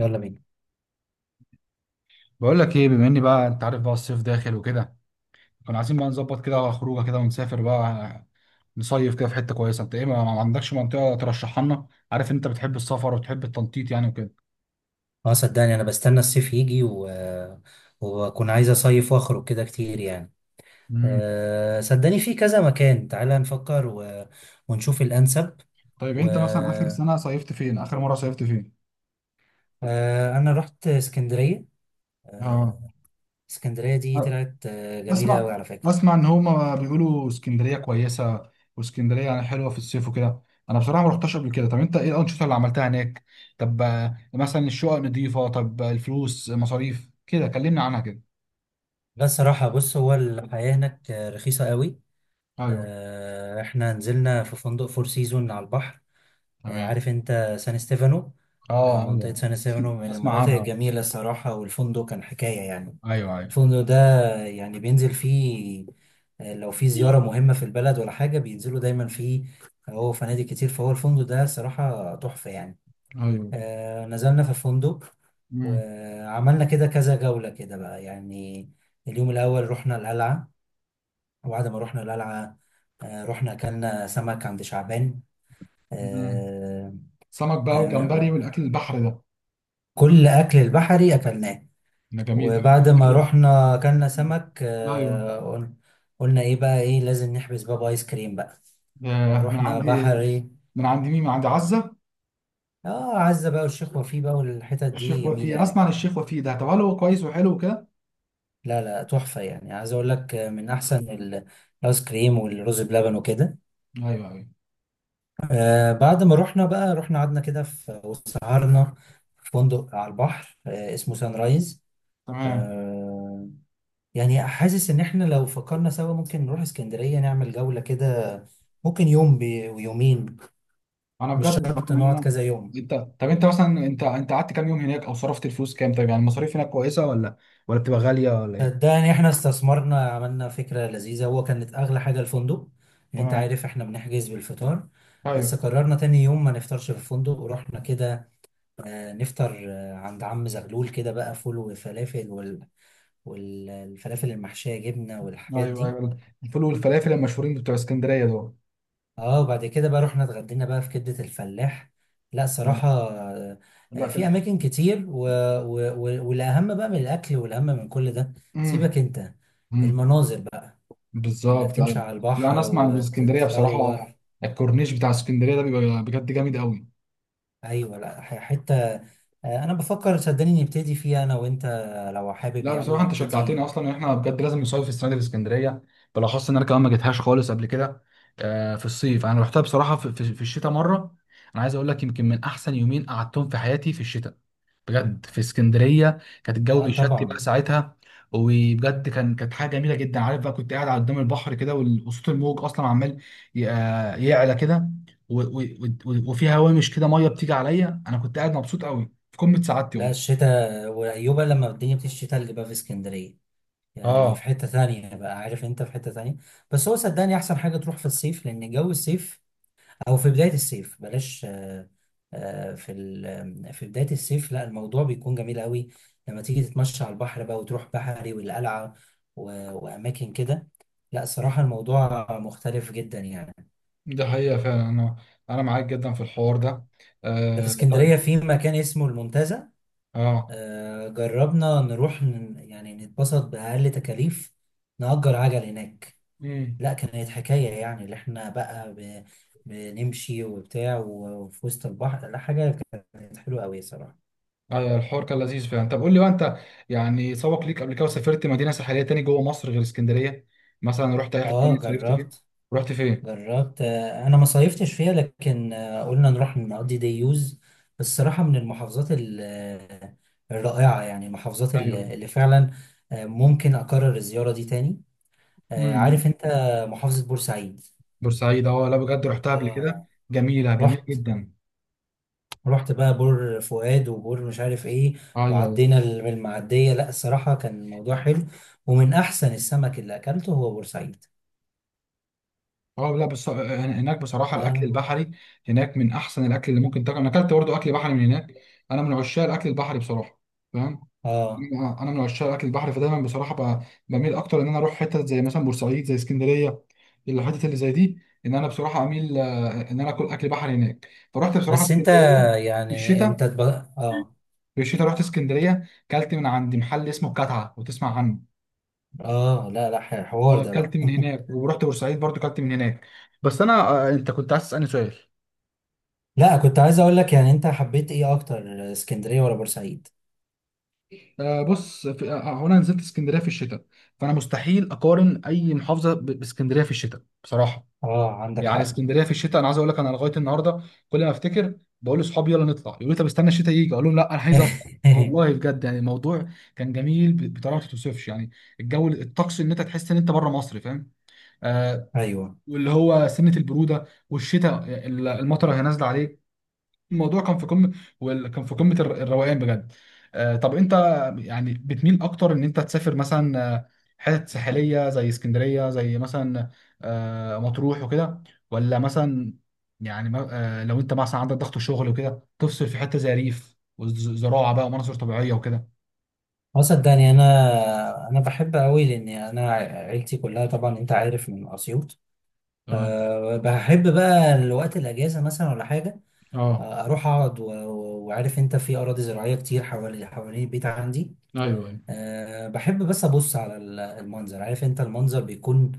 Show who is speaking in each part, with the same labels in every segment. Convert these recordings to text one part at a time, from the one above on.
Speaker 1: يلا بينا.
Speaker 2: بقول لك ايه، بما اني بقى، انت عارف بقى الصيف داخل وكده. كنا عايزين بقى نظبط كده خروجه كده ونسافر بقى. نصيف كده في حته كويسه. انت ايه، ما عندكش منطقه ترشحها لنا؟ عارف انت بتحب السفر وبتحب التنطيط يعني وكده.
Speaker 1: اه صدقني انا بستنى الصيف يجي واكون عايز اصيف واخرج كده كتير يعني.
Speaker 2: امم.
Speaker 1: صدقني في كذا مكان، تعالى نفكر ونشوف الانسب.
Speaker 2: طيب،
Speaker 1: و...
Speaker 2: انت مثلا اخر سنه صيفت فين؟ اخر مره صيفت فين؟
Speaker 1: أه انا رحت اسكندرية.
Speaker 2: اه.
Speaker 1: أه، اسكندرية دي طلعت جميلة
Speaker 2: اسمع
Speaker 1: قوي على فكرة.
Speaker 2: اسمع ان هما بيقولوا اسكندريه كويسه. واسكندريه يعني حلوه في الصيف وكده. انا بصراحه ما رحتش قبل كده. طب انت ايه الانشطه اللي عملتها هناك؟ طب مثلا الشقق نظيفه؟ طب الفلوس مصاريف كده كلمني عنها كده.
Speaker 1: بس صراحة بص، هو الحياة هناك رخيصة قوي.
Speaker 2: ايوه.
Speaker 1: أه احنا نزلنا في فندق فور سيزون على البحر.
Speaker 2: تمام.
Speaker 1: عارف انت سان ستيفانو؟
Speaker 2: اه،
Speaker 1: منطقة
Speaker 2: ايوه.
Speaker 1: سان ستيفانو من
Speaker 2: اسمع
Speaker 1: المناطق
Speaker 2: عنها.
Speaker 1: الجميلة الصراحة، والفندق كان حكاية يعني.
Speaker 2: ايوه، ايوه.
Speaker 1: الفندق ده يعني بينزل فيه، لو في زيارة مهمة في البلد ولا حاجة بينزلوا دايما فيه. هو فنادق كتير، فهو الفندق ده صراحة تحفة يعني.
Speaker 2: ايوه.
Speaker 1: نزلنا في الفندق
Speaker 2: مم.
Speaker 1: وعملنا كده كذا جولة كده بقى يعني. اليوم الأول رحنا القلعة، وبعد ما رحنا القلعة رحنا أكلنا سمك عند شعبان.
Speaker 2: مم.
Speaker 1: آه،
Speaker 2: سمك بقى والجمبري
Speaker 1: آه،
Speaker 2: والاكل البحر ده.
Speaker 1: كل أكل البحري أكلناه.
Speaker 2: ده جميل، ده بحب
Speaker 1: وبعد ما
Speaker 2: الاكل ده.
Speaker 1: رحنا أكلنا
Speaker 2: مم.
Speaker 1: سمك
Speaker 2: ايوه.
Speaker 1: قلنا إيه بقى، إيه؟ لازم نحبس بابا آيس كريم بقى،
Speaker 2: ده. من
Speaker 1: فروحنا
Speaker 2: عندي.
Speaker 1: بحري.
Speaker 2: من عندي مين؟ من عندي عزه.
Speaker 1: آه، عزة بقى والشيخ وفيه بقى، والحتت دي
Speaker 2: الشيخ وفيه،
Speaker 1: جميلة
Speaker 2: انا
Speaker 1: يعني.
Speaker 2: اسمع عن الشيخ وفيه ده. طب هل هو كويس وحلو وكده؟
Speaker 1: لا لا، تحفة يعني. عايز أقول لك الآيس كريم والرز بلبن وكده.
Speaker 2: ايوه، ايوه.
Speaker 1: آه، بعد ما رحنا بقى رحنا قعدنا كده في وسهرنا في فندق على البحر آه اسمه سان رايز.
Speaker 2: تمام.
Speaker 1: آه، يعني حاسس ان احنا لو فكرنا سوا ممكن نروح اسكندرية نعمل جولة كده. ممكن ويومين،
Speaker 2: انا
Speaker 1: مش
Speaker 2: بجد طبعا
Speaker 1: شرط
Speaker 2: يعني
Speaker 1: نقعد
Speaker 2: انا.
Speaker 1: كذا يوم.
Speaker 2: طب انت مثلا انت قعدت كام يوم هناك، او صرفت الفلوس كام؟ طيب يعني المصاريف هناك كويسه ولا، ولا بتبقى غاليه، ولا ايه؟
Speaker 1: صدقني احنا استثمرنا، عملنا فكرة لذيذة. هو كانت اغلى حاجة الفندق، يعني انت
Speaker 2: تمام.
Speaker 1: عارف احنا بنحجز بالفطار. بس
Speaker 2: ايوه.
Speaker 1: قررنا تاني يوم ما نفطرش في الفندق، ورحنا كده نفطر عند عم زغلول كده بقى، فول وفلافل والفلافل المحشية جبنة والحاجات
Speaker 2: ايوه،
Speaker 1: دي.
Speaker 2: ايوه. الفول والفلافل المشهورين بتوع اسكندريه دول.
Speaker 1: اه بعد كده بقى رحنا اتغدينا بقى في كبدة الفلاح. لا
Speaker 2: لا.
Speaker 1: صراحة،
Speaker 2: لا
Speaker 1: في
Speaker 2: كده.
Speaker 1: اماكن كتير والاهم بقى من الاكل، والاهم من كل ده، سيبك
Speaker 2: امم.
Speaker 1: انت،
Speaker 2: امم.
Speaker 1: المناظر بقى، انك
Speaker 2: بالظبط،
Speaker 1: تمشي
Speaker 2: ايوه.
Speaker 1: على
Speaker 2: لا، انا
Speaker 1: البحر
Speaker 2: اسمع عن اسكندريه بصراحه.
Speaker 1: وتتصور.
Speaker 2: الكورنيش بتاع اسكندريه ده بيبقى بجد جامد قوي.
Speaker 1: ايوه، لا حتة انا بفكر صدقني نبتدي فيها انا وانت، لو حابب
Speaker 2: لا
Speaker 1: يعني
Speaker 2: بصراحه انت شجعتني،
Speaker 1: نبتدي.
Speaker 2: اصلا ان احنا بجد لازم نصيف في السنه دي في اسكندريه. بالاخص ان انا كمان ما جيتهاش خالص قبل كده. في الصيف انا رحتها بصراحه في الشتاء مره. انا عايز اقول لك، يمكن من احسن يومين قعدتهم في حياتي في الشتاء. بجد في اسكندريه كانت الجو
Speaker 1: اه
Speaker 2: بيشتي بقى
Speaker 1: طبعا.
Speaker 2: ساعتها. وبجد كانت حاجه جميله جدا. عارف بقى كنت قاعد على قدام البحر كده، وصوت الموج اصلا عمال يعلى كده. و- و- وفي هوامش كده ميه بتيجي عليا. انا كنت قاعد مبسوط قوي في قمه سعادتي
Speaker 1: لا
Speaker 2: والله.
Speaker 1: الشتاء وايوبا لما الدنيا بتشتي تلج بقى في اسكندرية، يعني في
Speaker 2: اه.
Speaker 1: حتة تانية بقى، عارف انت، في حتة تانية. بس هو صدقني احسن حاجة تروح في الصيف، لان جو الصيف او في بداية الصيف بلاش في بداية الصيف لا، الموضوع بيكون جميل قوي لما تيجي تتمشى على البحر بقى وتروح بحري والقلعة و- واماكن كده. لا
Speaker 2: مم.
Speaker 1: صراحة الموضوع مختلف جدا يعني.
Speaker 2: ده حقيقة فعلا انا. انا معاك جدا في الحوار ده.
Speaker 1: ده في اسكندرية
Speaker 2: طيب.
Speaker 1: في مكان اسمه المنتزه،
Speaker 2: اه.
Speaker 1: جربنا نروح يعني نتبسط بأقل تكاليف، نأجر عجل هناك.
Speaker 2: مم.
Speaker 1: لا كانت حكاية يعني. اللي احنا بقى بنمشي وبتاع وفي وسط البحر، لا حاجة، كانت حلوة أوي صراحة.
Speaker 2: ايوه، الحوار كان لذيذ فعلا. طب قول لي بقى انت، يعني سبق ليك قبل كده وسافرت مدينه ساحليه تاني جوه مصر غير اسكندريه؟ مثلا رحت اي حته تاني
Speaker 1: اه
Speaker 2: صيفت فيه؟
Speaker 1: جربت،
Speaker 2: رحت فين؟
Speaker 1: جربت انا ما صيفتش فيها، لكن قلنا نروح نقضي ديوز. الصراحة من المحافظات الرائعة يعني، المحافظات ال-
Speaker 2: ايوه.
Speaker 1: اللي فعلا ممكن أكرر الزيارة دي تاني.
Speaker 2: امم.
Speaker 1: عارف انت، محافظة بورسعيد.
Speaker 2: بورسعيد، اه، لا بجد رحتها قبل كده.
Speaker 1: آه،
Speaker 2: جميله جميله
Speaker 1: رحت،
Speaker 2: جدا.
Speaker 1: ورحت بقى بور فؤاد وبور مش عارف ايه،
Speaker 2: ايوه، ايوه.
Speaker 1: وعدينا بالمعدية. لا الصراحة كان الموضوع حلو، ومن احسن السمك اللي اكلته هو بورسعيد.
Speaker 2: اه، لا بس هناك بصراحه الاكل
Speaker 1: لا.
Speaker 2: البحري هناك من احسن الاكل اللي ممكن تاكل. انا اكلت برضه اكل بحري من هناك. انا من عشاق الاكل البحري بصراحه. فاهم؟
Speaker 1: اه.
Speaker 2: انا من عشاق اكل البحر فدايما بصراحه بميل اكتر ان انا اروح حتت زي مثلا بورسعيد، زي اسكندريه، الحتت اللي زي دي. ان انا بصراحه اميل ان انا اكل اكل بحر هناك. فرحت بصراحه
Speaker 1: بس انت
Speaker 2: اسكندريه في
Speaker 1: يعني
Speaker 2: الشتاء.
Speaker 1: انت تب... اه
Speaker 2: في الشتاء رحت اسكندريه، كلت من عند محل اسمه الكتعه، وتسمع عنه.
Speaker 1: اه لا لا، حوار
Speaker 2: اه،
Speaker 1: ده
Speaker 2: كلت
Speaker 1: بقى.
Speaker 2: من هناك ورحت بورسعيد برضو كلت من هناك. بس انا، انت كنت عايز تسالني سؤال؟
Speaker 1: لا كنت عايز اقول لك، يعني انت حبيت ايه اكتر، اسكندرية ولا بورسعيد؟
Speaker 2: بص في... آه، آه، هو انا نزلت اسكندريه في الشتاء. فانا مستحيل اقارن اي محافظه باسكندريه في الشتاء بصراحه.
Speaker 1: اه عندك
Speaker 2: يعني
Speaker 1: حق.
Speaker 2: اسكندريه في الشتاء، انا عايز اقول لك، انا لغايه النهارده كل ما افتكر بقول لاصحابي يلا نطلع، يقولوا لي طب استنى الشتاء يجي، اقول لهم لا انا عايز اطلع والله. بجد يعني الموضوع كان جميل بطريقه ما تتوصفش يعني. الجو، الطقس، ان انت تحس ان انت بره مصر، فاهم؟ آه.
Speaker 1: ايوه.
Speaker 2: واللي هو سنه البروده والشتاء المطره هي نازله عليك. الموضوع كان في قمه. كان في قمه الروقان بجد. طب انت، يعني بتميل اكتر ان انت تسافر مثلا حتت ساحليه زي اسكندريه، زي مثلا مطروح وكده؟ ولا مثلا، يعني لو انت مثلا عندك ضغط شغل وكده تفصل في حته زي ريف وزراعه بقى ومناظر طبيعيه وكده؟
Speaker 1: اه صدقني، انا بحب قوي، لان انا عيلتي كلها طبعا انت عارف من اسيوط.
Speaker 2: اه.
Speaker 1: بحب بقى الوقت الاجازه مثلا ولا حاجه
Speaker 2: اه.
Speaker 1: اروح اقعد وعارف انت، في اراضي زراعيه كتير حوالي حوالين البيت عندي.
Speaker 2: ايوه، ايوه.
Speaker 1: أه بحب بس ابص على المنظر، عارف انت المنظر بيكون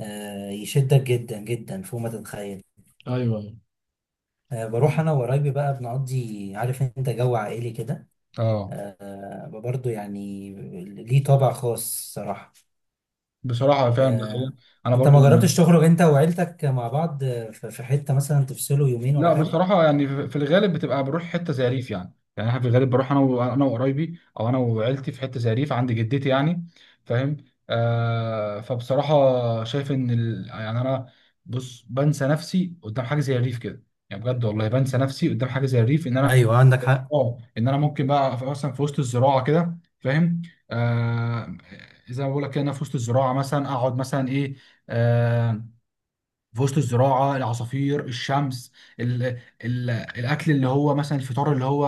Speaker 1: أه يشدك جدا جدا فوق ما تتخيل.
Speaker 2: ايوه، ايوه.
Speaker 1: أه بروح انا وقرايبي بقى بنقضي، عارف انت، جو عائلي كده.
Speaker 2: اه.
Speaker 1: أه برضه يعني ليه طابع خاص صراحه.
Speaker 2: بصراحه فعلا ده حقيقة.
Speaker 1: أه،
Speaker 2: انا
Speaker 1: انت
Speaker 2: برضو.
Speaker 1: ما جربتش تخرج انت وعيلتك مع بعض في حته مثلا تفصلوا يومين ولا
Speaker 2: لا
Speaker 1: حاجه؟
Speaker 2: بصراحة، يعني في الغالب بتبقى بروح حتة زي ريف، يعني أنا في الغالب بروح أنا وقرايبي أو أنا وعيلتي في حتة زي ريف عند جدتي يعني. فاهم؟ فبصراحة شايف إن يعني أنا، بص، بنسى نفسي قدام حاجة زي الريف كده. يعني بجد والله بنسى نفسي قدام حاجة زي الريف إن أنا،
Speaker 1: ايوه عندك حق.
Speaker 2: إن أنا ممكن بقى مثلا في وسط الزراعة كده، فاهم؟ آه. زي ما بقول لك كده، إن أنا في وسط الزراعة مثلا أقعد مثلا إيه، آه، في وسط الزراعه، العصافير، الشمس، ال الاكل اللي هو مثلا الفطار اللي هو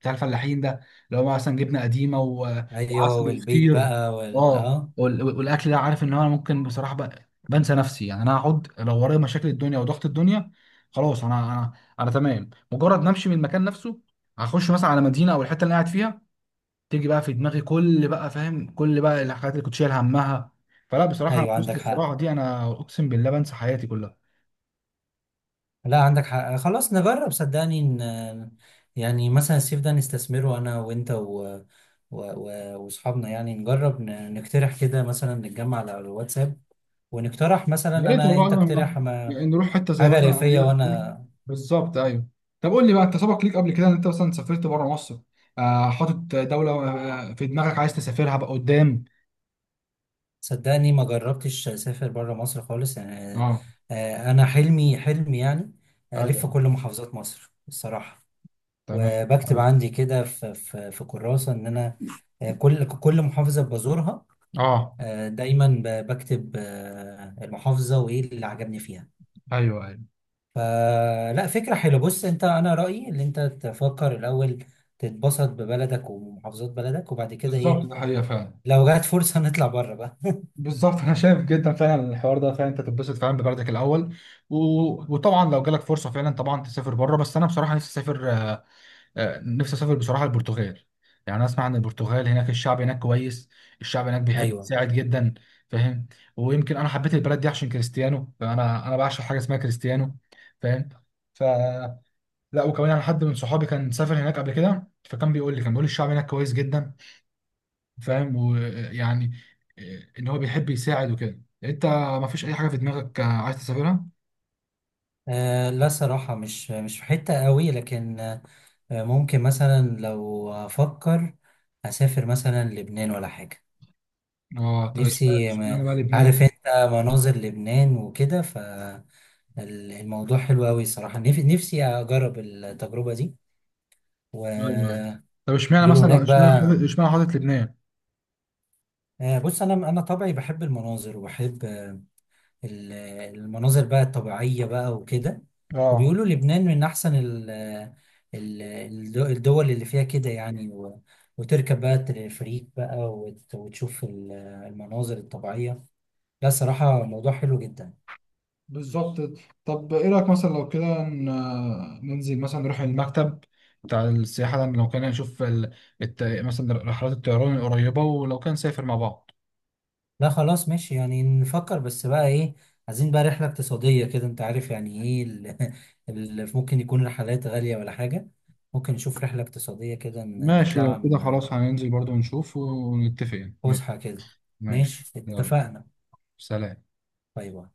Speaker 2: بتاع الفلاحين ده، اللي هو مثلا جبنه قديمه
Speaker 1: ايوه،
Speaker 2: وعسل
Speaker 1: والبيت
Speaker 2: وفطير.
Speaker 1: بقى وال
Speaker 2: اه،
Speaker 1: اه.
Speaker 2: والاكل ده، عارف ان هو انا ممكن بصراحه بقى بنسى نفسي، يعني انا هقعد لو ورايا مشاكل الدنيا وضغط الدنيا. خلاص، انا انا تمام. مجرد ما امشي من المكان نفسه، هخش مثلا على مدينه او الحته اللي أنا قاعد فيها، تيجي بقى في دماغي كل بقى، فاهم، كل بقى الحاجات اللي كنت شايل همها. فلا بصراحه،
Speaker 1: ايوه عندك
Speaker 2: وسط
Speaker 1: حق.
Speaker 2: الزراعه دي انا اقسم بالله بنسى حياتي كلها.
Speaker 1: لا عندك حق، خلاص نجرب صدقني، ان يعني مثلا الصيف ده نستثمره انا وانت واصحابنا. يعني نجرب نقترح كده مثلا، نتجمع على الواتساب ونقترح، مثلا
Speaker 2: يا ريت
Speaker 1: انا
Speaker 2: والله.
Speaker 1: انت
Speaker 2: لما
Speaker 1: اقترح ما...
Speaker 2: يعني نروح حته زي
Speaker 1: حاجه
Speaker 2: مثلا
Speaker 1: ريفيه،
Speaker 2: ارياف كده.
Speaker 1: وانا
Speaker 2: بالظبط، ايوه. طب قول لي بقى انت، سبق ليك قبل كده ان انت مثلا سافرت بره مصر؟ حاطط دوله في دماغك عايز تسافرها بقى قدام؟
Speaker 1: صدقني ما جربتش اسافر بره مصر خالص يعني
Speaker 2: اه.
Speaker 1: انا حلمي يعني الف
Speaker 2: ايوه.
Speaker 1: كل محافظات مصر الصراحه،
Speaker 2: تمام.
Speaker 1: وبكتب
Speaker 2: ايوه.
Speaker 1: عندي كده في كراسة إن أنا كل محافظة بزورها،
Speaker 2: اه.
Speaker 1: دايما بكتب المحافظة وإيه اللي عجبني فيها.
Speaker 2: ايوه، ايوه.
Speaker 1: فلا، فكرة حلوة. بص أنت، أنا رأيي إن أنت تفكر الأول تتبسط ببلدك ومحافظات بلدك، وبعد كده إيه،
Speaker 2: بالظبط، ده حقيقه فعلا.
Speaker 1: لو جات فرصة نطلع بره بقى.
Speaker 2: بالظبط. انا شايف جدا فعلا الحوار ده، فعلا انت تتبسط فعلا ببلدك الاول و... وطبعا لو جالك فرصه فعلا طبعا تسافر بره. بس انا بصراحه نفسي اسافر، نفسي اسافر بصراحه البرتغال. يعني أنا اسمع عن البرتغال، هناك الشعب هناك كويس، الشعب هناك بيحب
Speaker 1: أيوه.
Speaker 2: يساعد جدا. فاهم؟ ويمكن انا حبيت البلد دي عشان كريستيانو، فانا بعشق حاجه اسمها كريستيانو. فاهم؟ ف لا، وكمان يعني حد من صحابي كان سافر هناك قبل كده، فكان بيقول لي الشعب هناك كويس جدا. فاهم؟ ويعني ان هو بيحب يساعد وكده. انت ما فيش اي حاجه في دماغك عايز تسافرها؟
Speaker 1: آه لا صراحة مش، مش في حتة قوي، لكن ممكن مثلا لو أفكر أسافر مثلا لبنان ولا حاجة.
Speaker 2: اه، طب
Speaker 1: نفسي، ما
Speaker 2: اشمعنى بقى لبنان؟
Speaker 1: عارف انت مناظر لبنان وكده، فالموضوع حلو قوي صراحة. نفسي اجرب التجربة دي.
Speaker 2: ايوه، أيوة.
Speaker 1: وبيقولوا
Speaker 2: طب اشمعنى مثلا،
Speaker 1: هناك
Speaker 2: اشمعنى حاطط
Speaker 1: بقى
Speaker 2: اشمعنى حاطط لبنان؟
Speaker 1: بص، انا طبعي بحب المناظر وبحب ال- المناظر بقى الطبيعية بقى وكده.
Speaker 2: اه.
Speaker 1: وبيقولوا لبنان من احسن الدول اللي فيها كده يعني، وتركب بقى التلفريك بقى وتشوف المناظر الطبيعية. لا صراحة موضوع حلو جدا.
Speaker 2: بالظبط. طب ايه رأيك مثلا لو كده ننزل مثلا نروح المكتب بتاع السياحة ده، لو كان نشوف مثلا رحلات الطيران القريبة، ولو كان نسافر مع بعض؟
Speaker 1: لا خلاص ماشي، يعني نفكر بس بقى ايه، عايزين بقى رحلة اقتصادية كده، انت عارف يعني ايه، اللي ممكن يكون رحلات غالية ولا حاجة. ممكن نشوف رحلة اقتصادية كده،
Speaker 2: ماشي لو
Speaker 1: نطلع
Speaker 2: كده خلاص هننزل برضو نشوف ونتفق يعني. ماشي.
Speaker 1: فسحة كده.
Speaker 2: ماشي،
Speaker 1: ماشي،
Speaker 2: يلا.
Speaker 1: اتفقنا.
Speaker 2: سلام.
Speaker 1: باي باي.